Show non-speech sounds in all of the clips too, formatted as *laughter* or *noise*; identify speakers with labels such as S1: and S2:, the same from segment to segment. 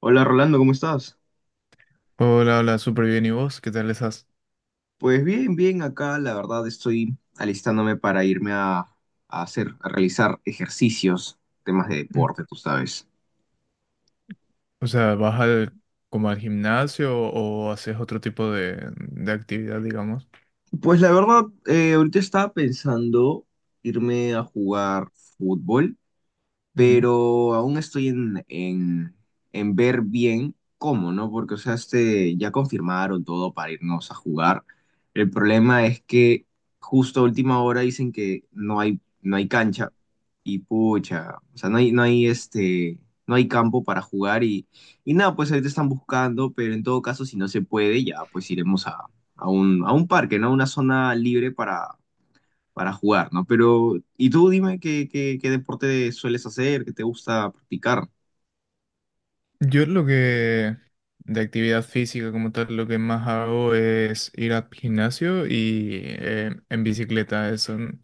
S1: Hola Rolando, ¿cómo estás?
S2: Hola, hola, súper bien. ¿Y vos? ¿Qué tal estás?
S1: Pues bien, bien, acá la verdad estoy alistándome para irme a realizar ejercicios, temas de
S2: Mm.
S1: deporte, tú sabes.
S2: O sea, ¿vas como al gimnasio o haces otro tipo de actividad, digamos?
S1: Pues la verdad, ahorita estaba pensando irme a jugar fútbol pero aún estoy en ver bien cómo, ¿no? Porque, o sea, este, ya confirmaron todo para irnos a jugar. El problema es que justo a última hora dicen que no hay cancha y pucha, o sea, no hay campo para jugar y nada, pues ahorita están buscando, pero en todo caso, si no se puede, ya pues iremos a un parque, ¿no? Una zona libre para jugar, ¿no? Pero, y tú dime qué deporte sueles hacer, qué te gusta practicar.
S2: Yo lo que de actividad física como tal, lo que más hago es ir al gimnasio y en bicicleta. eh, Son,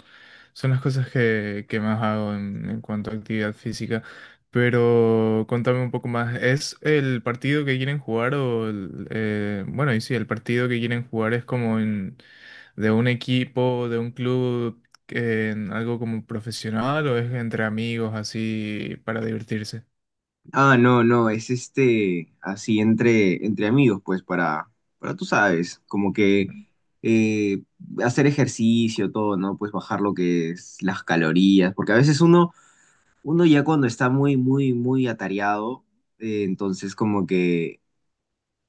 S2: son las cosas que más hago en cuanto a actividad física. Pero contame un poco más. ¿Es el partido que quieren jugar o bueno, y sí, el partido que quieren jugar es de un equipo, de un club, en algo como profesional o es entre amigos así para divertirse?
S1: Ah, no, no, es este, así entre amigos, pues para tú sabes, como que eh, hacer ejercicio, todo, ¿no? Pues bajar lo que es las calorías, porque a veces uno ya cuando está muy, muy, muy atareado, entonces como que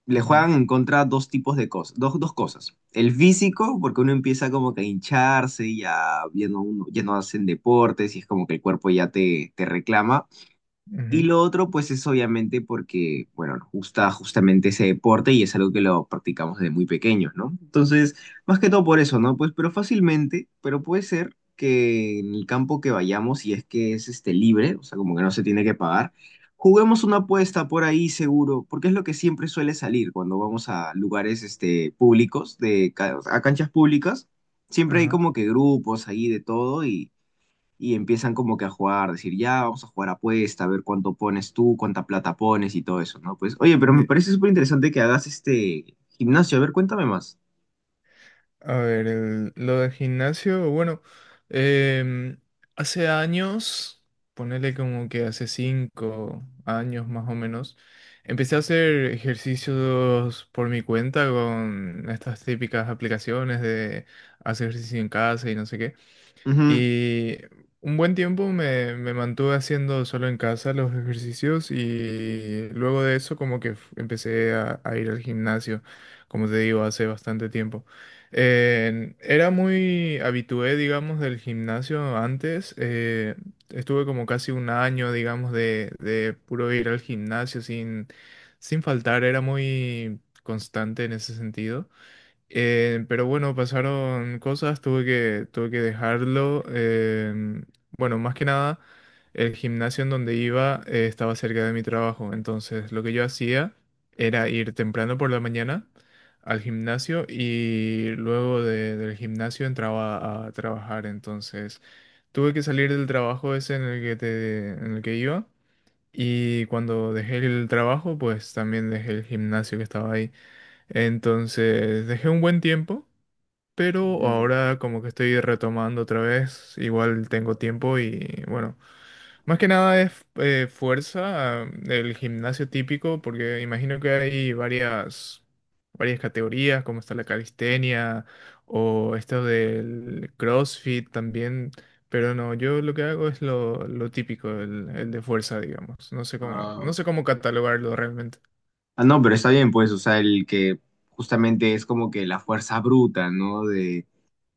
S1: le
S2: Ujú,
S1: juegan en contra dos tipos de cosas, dos cosas. El físico, porque uno empieza como que a hincharse y ya, ya no, ya no hacen deportes y es como que el cuerpo ya te reclama. Y
S2: ujú.
S1: lo otro, pues es obviamente porque, bueno, nos gusta justamente ese deporte y es algo que lo practicamos desde muy pequeños, ¿no? Entonces, más que todo por eso, ¿no? Pues, pero fácilmente, pero puede ser que en el campo que vayamos, si es que es este libre, o sea, como que no se tiene que pagar, juguemos una apuesta por ahí seguro, porque es lo que siempre suele salir cuando vamos a lugares este, públicos, de, a canchas públicas, siempre hay
S2: Ajá.
S1: como que grupos ahí de todo y empiezan como que a jugar, decir, ya, vamos a jugar apuesta, a ver cuánto pones tú, cuánta plata pones y todo eso, ¿no? Pues, oye, pero me
S2: Ye-
S1: parece súper interesante que hagas este gimnasio, a ver, cuéntame más.
S2: A ver, lo de gimnasio, bueno, em, hace años, ponele como que hace 5 años más o menos, empecé a hacer ejercicios por mi cuenta con estas típicas aplicaciones de hacer ejercicio en casa y no sé qué.
S1: Ujú.
S2: Y un buen tiempo me mantuve haciendo solo en casa los ejercicios, y luego de eso como que empecé a ir al gimnasio, como te digo, hace bastante tiempo. Era muy habitué, digamos, del gimnasio antes. Estuve como casi un año, digamos, de puro ir al gimnasio sin faltar. Era muy constante en ese sentido. Pero bueno, pasaron cosas, tuve que dejarlo. Bueno, más que nada, el gimnasio en donde iba, estaba cerca de mi trabajo. Entonces, lo que yo hacía era ir temprano por la mañana al gimnasio y luego del gimnasio entraba a trabajar. Entonces, tuve que salir del trabajo ese, en el que iba. Y cuando dejé el trabajo, pues también dejé el gimnasio que estaba ahí. Entonces, dejé un buen tiempo, pero
S1: Mm,
S2: ahora como que estoy retomando otra vez, igual tengo tiempo y bueno, más que nada es fuerza, el gimnasio típico, porque imagino que hay varias categorías, como está la calistenia o esto del CrossFit también, pero no, yo lo que hago es lo típico, el de fuerza, digamos, no sé cómo, no
S1: ah,
S2: sé cómo catalogarlo realmente.
S1: Ah, no, pero está bien, pues, o sea, el que justamente es como que la fuerza bruta, ¿no? De,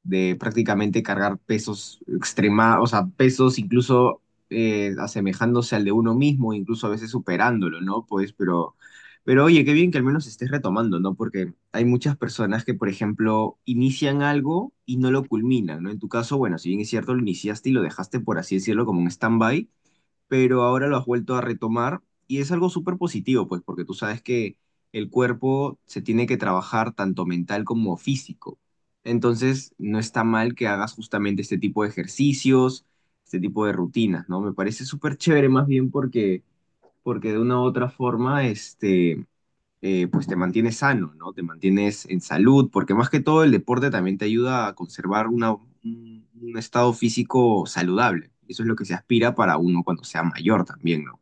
S1: de prácticamente cargar pesos extrema, o sea, pesos incluso asemejándose al de uno mismo, incluso a veces superándolo, ¿no? Pues, pero oye, qué bien que al menos estés retomando, ¿no? Porque hay muchas personas que, por ejemplo, inician algo y no lo culminan, ¿no? En tu caso, bueno, si bien es cierto, lo iniciaste y lo dejaste, por así decirlo, como un stand-by, pero ahora lo has vuelto a retomar y es algo súper positivo, pues, porque tú sabes que el cuerpo se tiene que trabajar tanto mental como físico. Entonces, no está mal que hagas justamente este tipo de ejercicios, este tipo de rutinas, ¿no? Me parece súper chévere más bien porque de una u otra forma, este, pues te mantienes sano, ¿no? Te mantienes en salud, porque más que todo el deporte también te ayuda a conservar un estado físico saludable. Eso es lo que se aspira para uno cuando sea mayor también, ¿no?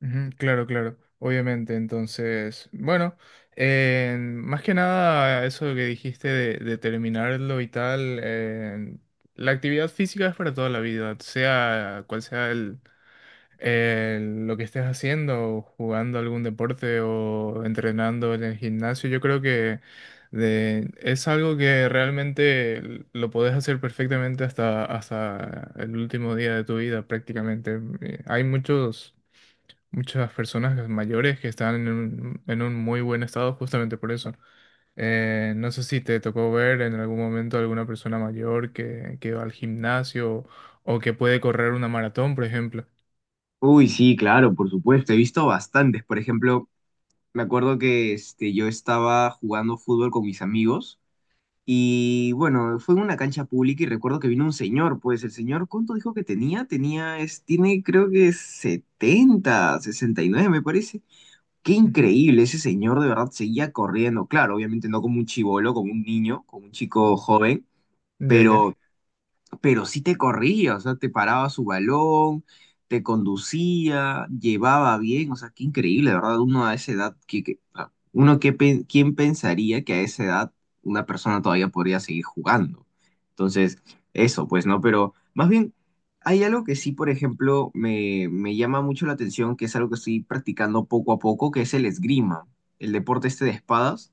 S2: Ujú, claro, claro, obviamente. Entonces, bueno, más que nada eso que dijiste de terminarlo y tal, la actividad física es para toda la vida, sea cual sea lo que estés haciendo, jugando algún deporte o entrenando en el gimnasio. Yo creo que es algo que realmente lo podés hacer perfectamente hasta el último día de tu vida prácticamente. Hay muchos muchas personas mayores que están en un muy buen estado justamente por eso. No sé si te tocó ver en algún momento alguna persona mayor que va al gimnasio o que puede correr una maratón, por ejemplo.
S1: Uy, sí, claro, por supuesto. He visto bastantes. Por ejemplo, me acuerdo que este, yo estaba jugando fútbol con mis amigos y bueno, fue en una cancha pública y recuerdo que vino un señor. Pues el señor, ¿cuánto dijo que tenía? Tiene creo que 70 69 me parece. Qué
S2: Ujú,
S1: increíble, ese señor de verdad seguía corriendo. Claro, obviamente no como un chibolo, como un niño, como un chico joven,
S2: ya, ya.
S1: pero pero sí te corría, o sea, te paraba su balón, te conducía, llevaba bien, o sea, qué increíble, de ¿verdad? Uno a esa edad, o sea, uno que, ¿quién pensaría que a esa edad una persona todavía podría seguir jugando? Entonces, eso, pues, ¿no? Pero más bien, hay algo que sí, por ejemplo, me llama mucho la atención, que es algo que estoy practicando poco a poco, que es el esgrima, el deporte este de espadas.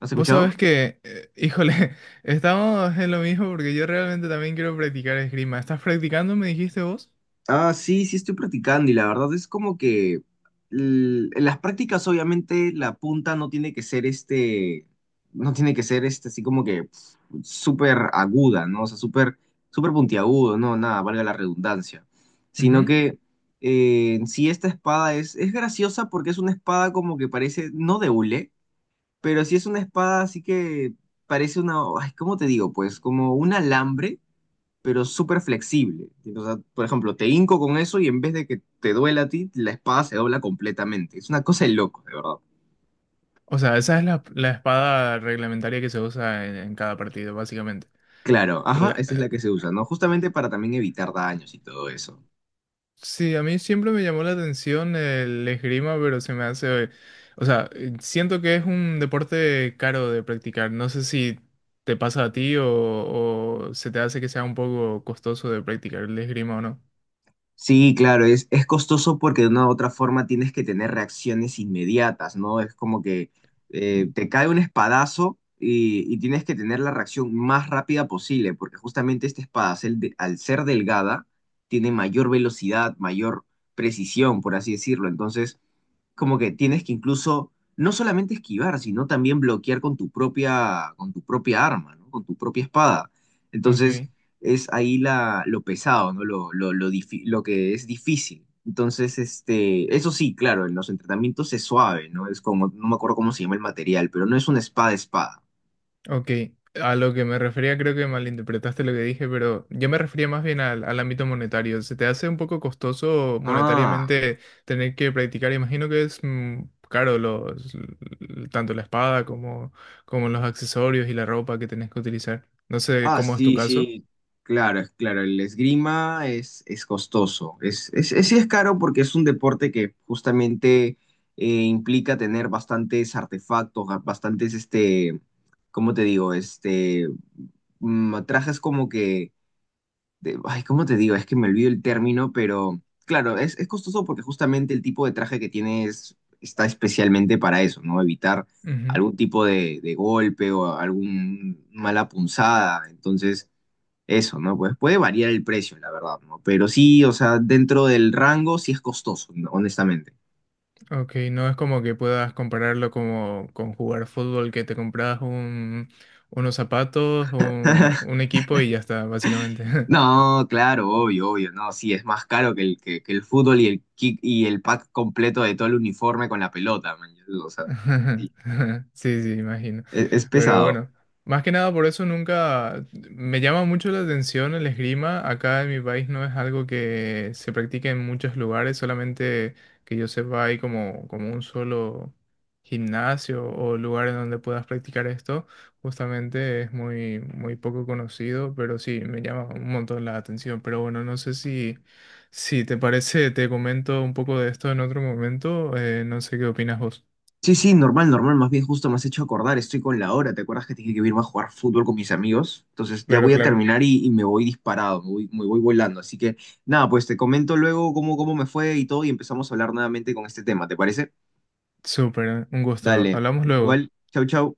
S1: ¿Has
S2: Vos
S1: escuchado?
S2: sabés que, híjole, *laughs* estamos en lo mismo porque yo realmente también quiero practicar esgrima. ¿Estás practicando, me dijiste vos?
S1: Ah, sí, sí estoy practicando y la verdad es como que en las prácticas obviamente la punta no tiene que ser este, no tiene que ser este así como que súper aguda, ¿no? O sea, súper, súper puntiagudo, no, nada, valga la redundancia. Sino
S2: Ujú.
S1: que en sí esta espada es graciosa porque es una espada como que parece, no de hule, pero sí es una espada así que parece una, ay, ¿cómo te digo? Pues como un alambre pero súper flexible. O sea, por ejemplo, te hinco con eso y en vez de que te duela a ti, la espada se dobla completamente. Es una cosa de loco, de verdad.
S2: O sea, esa es la espada reglamentaria que se usa en cada partido, básicamente.
S1: Claro, ajá, esa es la que se usa, ¿no? Justamente para también evitar daños y todo eso.
S2: Sí, a mí siempre me llamó la atención el esgrima, pero se me hace, o sea, siento que es un deporte caro de practicar. No sé si te pasa a ti o se te hace que sea un poco costoso de practicar el esgrima o no.
S1: Sí, claro, es costoso porque de una u otra forma tienes que tener reacciones inmediatas, ¿no? Es como que
S2: Mm.
S1: te cae un espadazo y tienes que tener la reacción más rápida posible, porque justamente este espadacel, de- al ser delgada, tiene mayor velocidad, mayor precisión, por así decirlo. Entonces, como que tienes que incluso no solamente esquivar, sino también bloquear con tu propia, arma, ¿no? Con tu propia espada.
S2: Ok.
S1: Entonces, es ahí lo pesado, ¿no? Lo que es difícil. Entonces, este, eso sí, claro, en los entrenamientos es suave, ¿no? Es como, no me acuerdo cómo se llama el material, pero no es una espada espada.
S2: Ok, a lo que me refería creo que malinterpretaste lo que dije, pero yo me refería más bien al ámbito monetario. ¿Se te hace un poco costoso
S1: Ah,
S2: monetariamente tener que practicar? Imagino que es caro, tanto la espada como los accesorios y la ropa que tenés que utilizar. No sé
S1: ah,
S2: cómo es tu
S1: sí,
S2: caso.
S1: sí. Claro, es claro, el esgrima es costoso. Sí es caro porque es un deporte que justamente implica tener bastantes artefactos, bastantes, este, ¿cómo te digo? Este, trajes como que ay, ¿cómo te digo? Es que me olvido el término, pero claro, es costoso porque justamente el tipo de traje que tienes está especialmente para eso, ¿no? Evitar
S2: Ujú,
S1: algún tipo de golpe o algún mala punzada. Entonces, eso, ¿no? Pues puede variar el precio, la verdad, ¿no? Pero sí, o sea, dentro del rango sí es costoso, ¿no? honestamente.
S2: ok, no es como que puedas compararlo como con jugar fútbol, que te compras unos zapatos, un,
S1: *laughs*
S2: un equipo y ya está, básicamente. *laughs*
S1: No, claro, obvio, obvio, no, sí, es más caro que el, que el fútbol y el kick y el pack completo de todo el uniforme con la pelota, man. O sea, sí,
S2: *laughs* Sí, sí, imagino.
S1: es
S2: Pero
S1: pesado.
S2: bueno, más que nada por eso nunca me llama mucho la atención el esgrima. Acá en mi país no es algo que se practique en muchos lugares, solamente que yo sepa hay como un solo gimnasio o lugar en donde puedas practicar esto. Justamente es muy, muy poco conocido, pero sí, me llama un montón la atención. Pero bueno, no sé si te parece, te comento un poco de esto en otro momento. No sé qué opinas vos.
S1: Sí, sí, normal, normal, más bien justo me has hecho acordar, estoy con la hora, ¿te acuerdas que te dije que iba a jugar fútbol con mis amigos? Entonces ya
S2: Claro,
S1: voy a
S2: claro.
S1: terminar y me voy disparado, me voy volando, así que nada, pues te comento luego cómo me fue y todo y empezamos a hablar nuevamente con este tema, ¿te parece?
S2: Súper, un gusto.
S1: Dale,
S2: Hablamos luego.
S1: igual, chau, chau.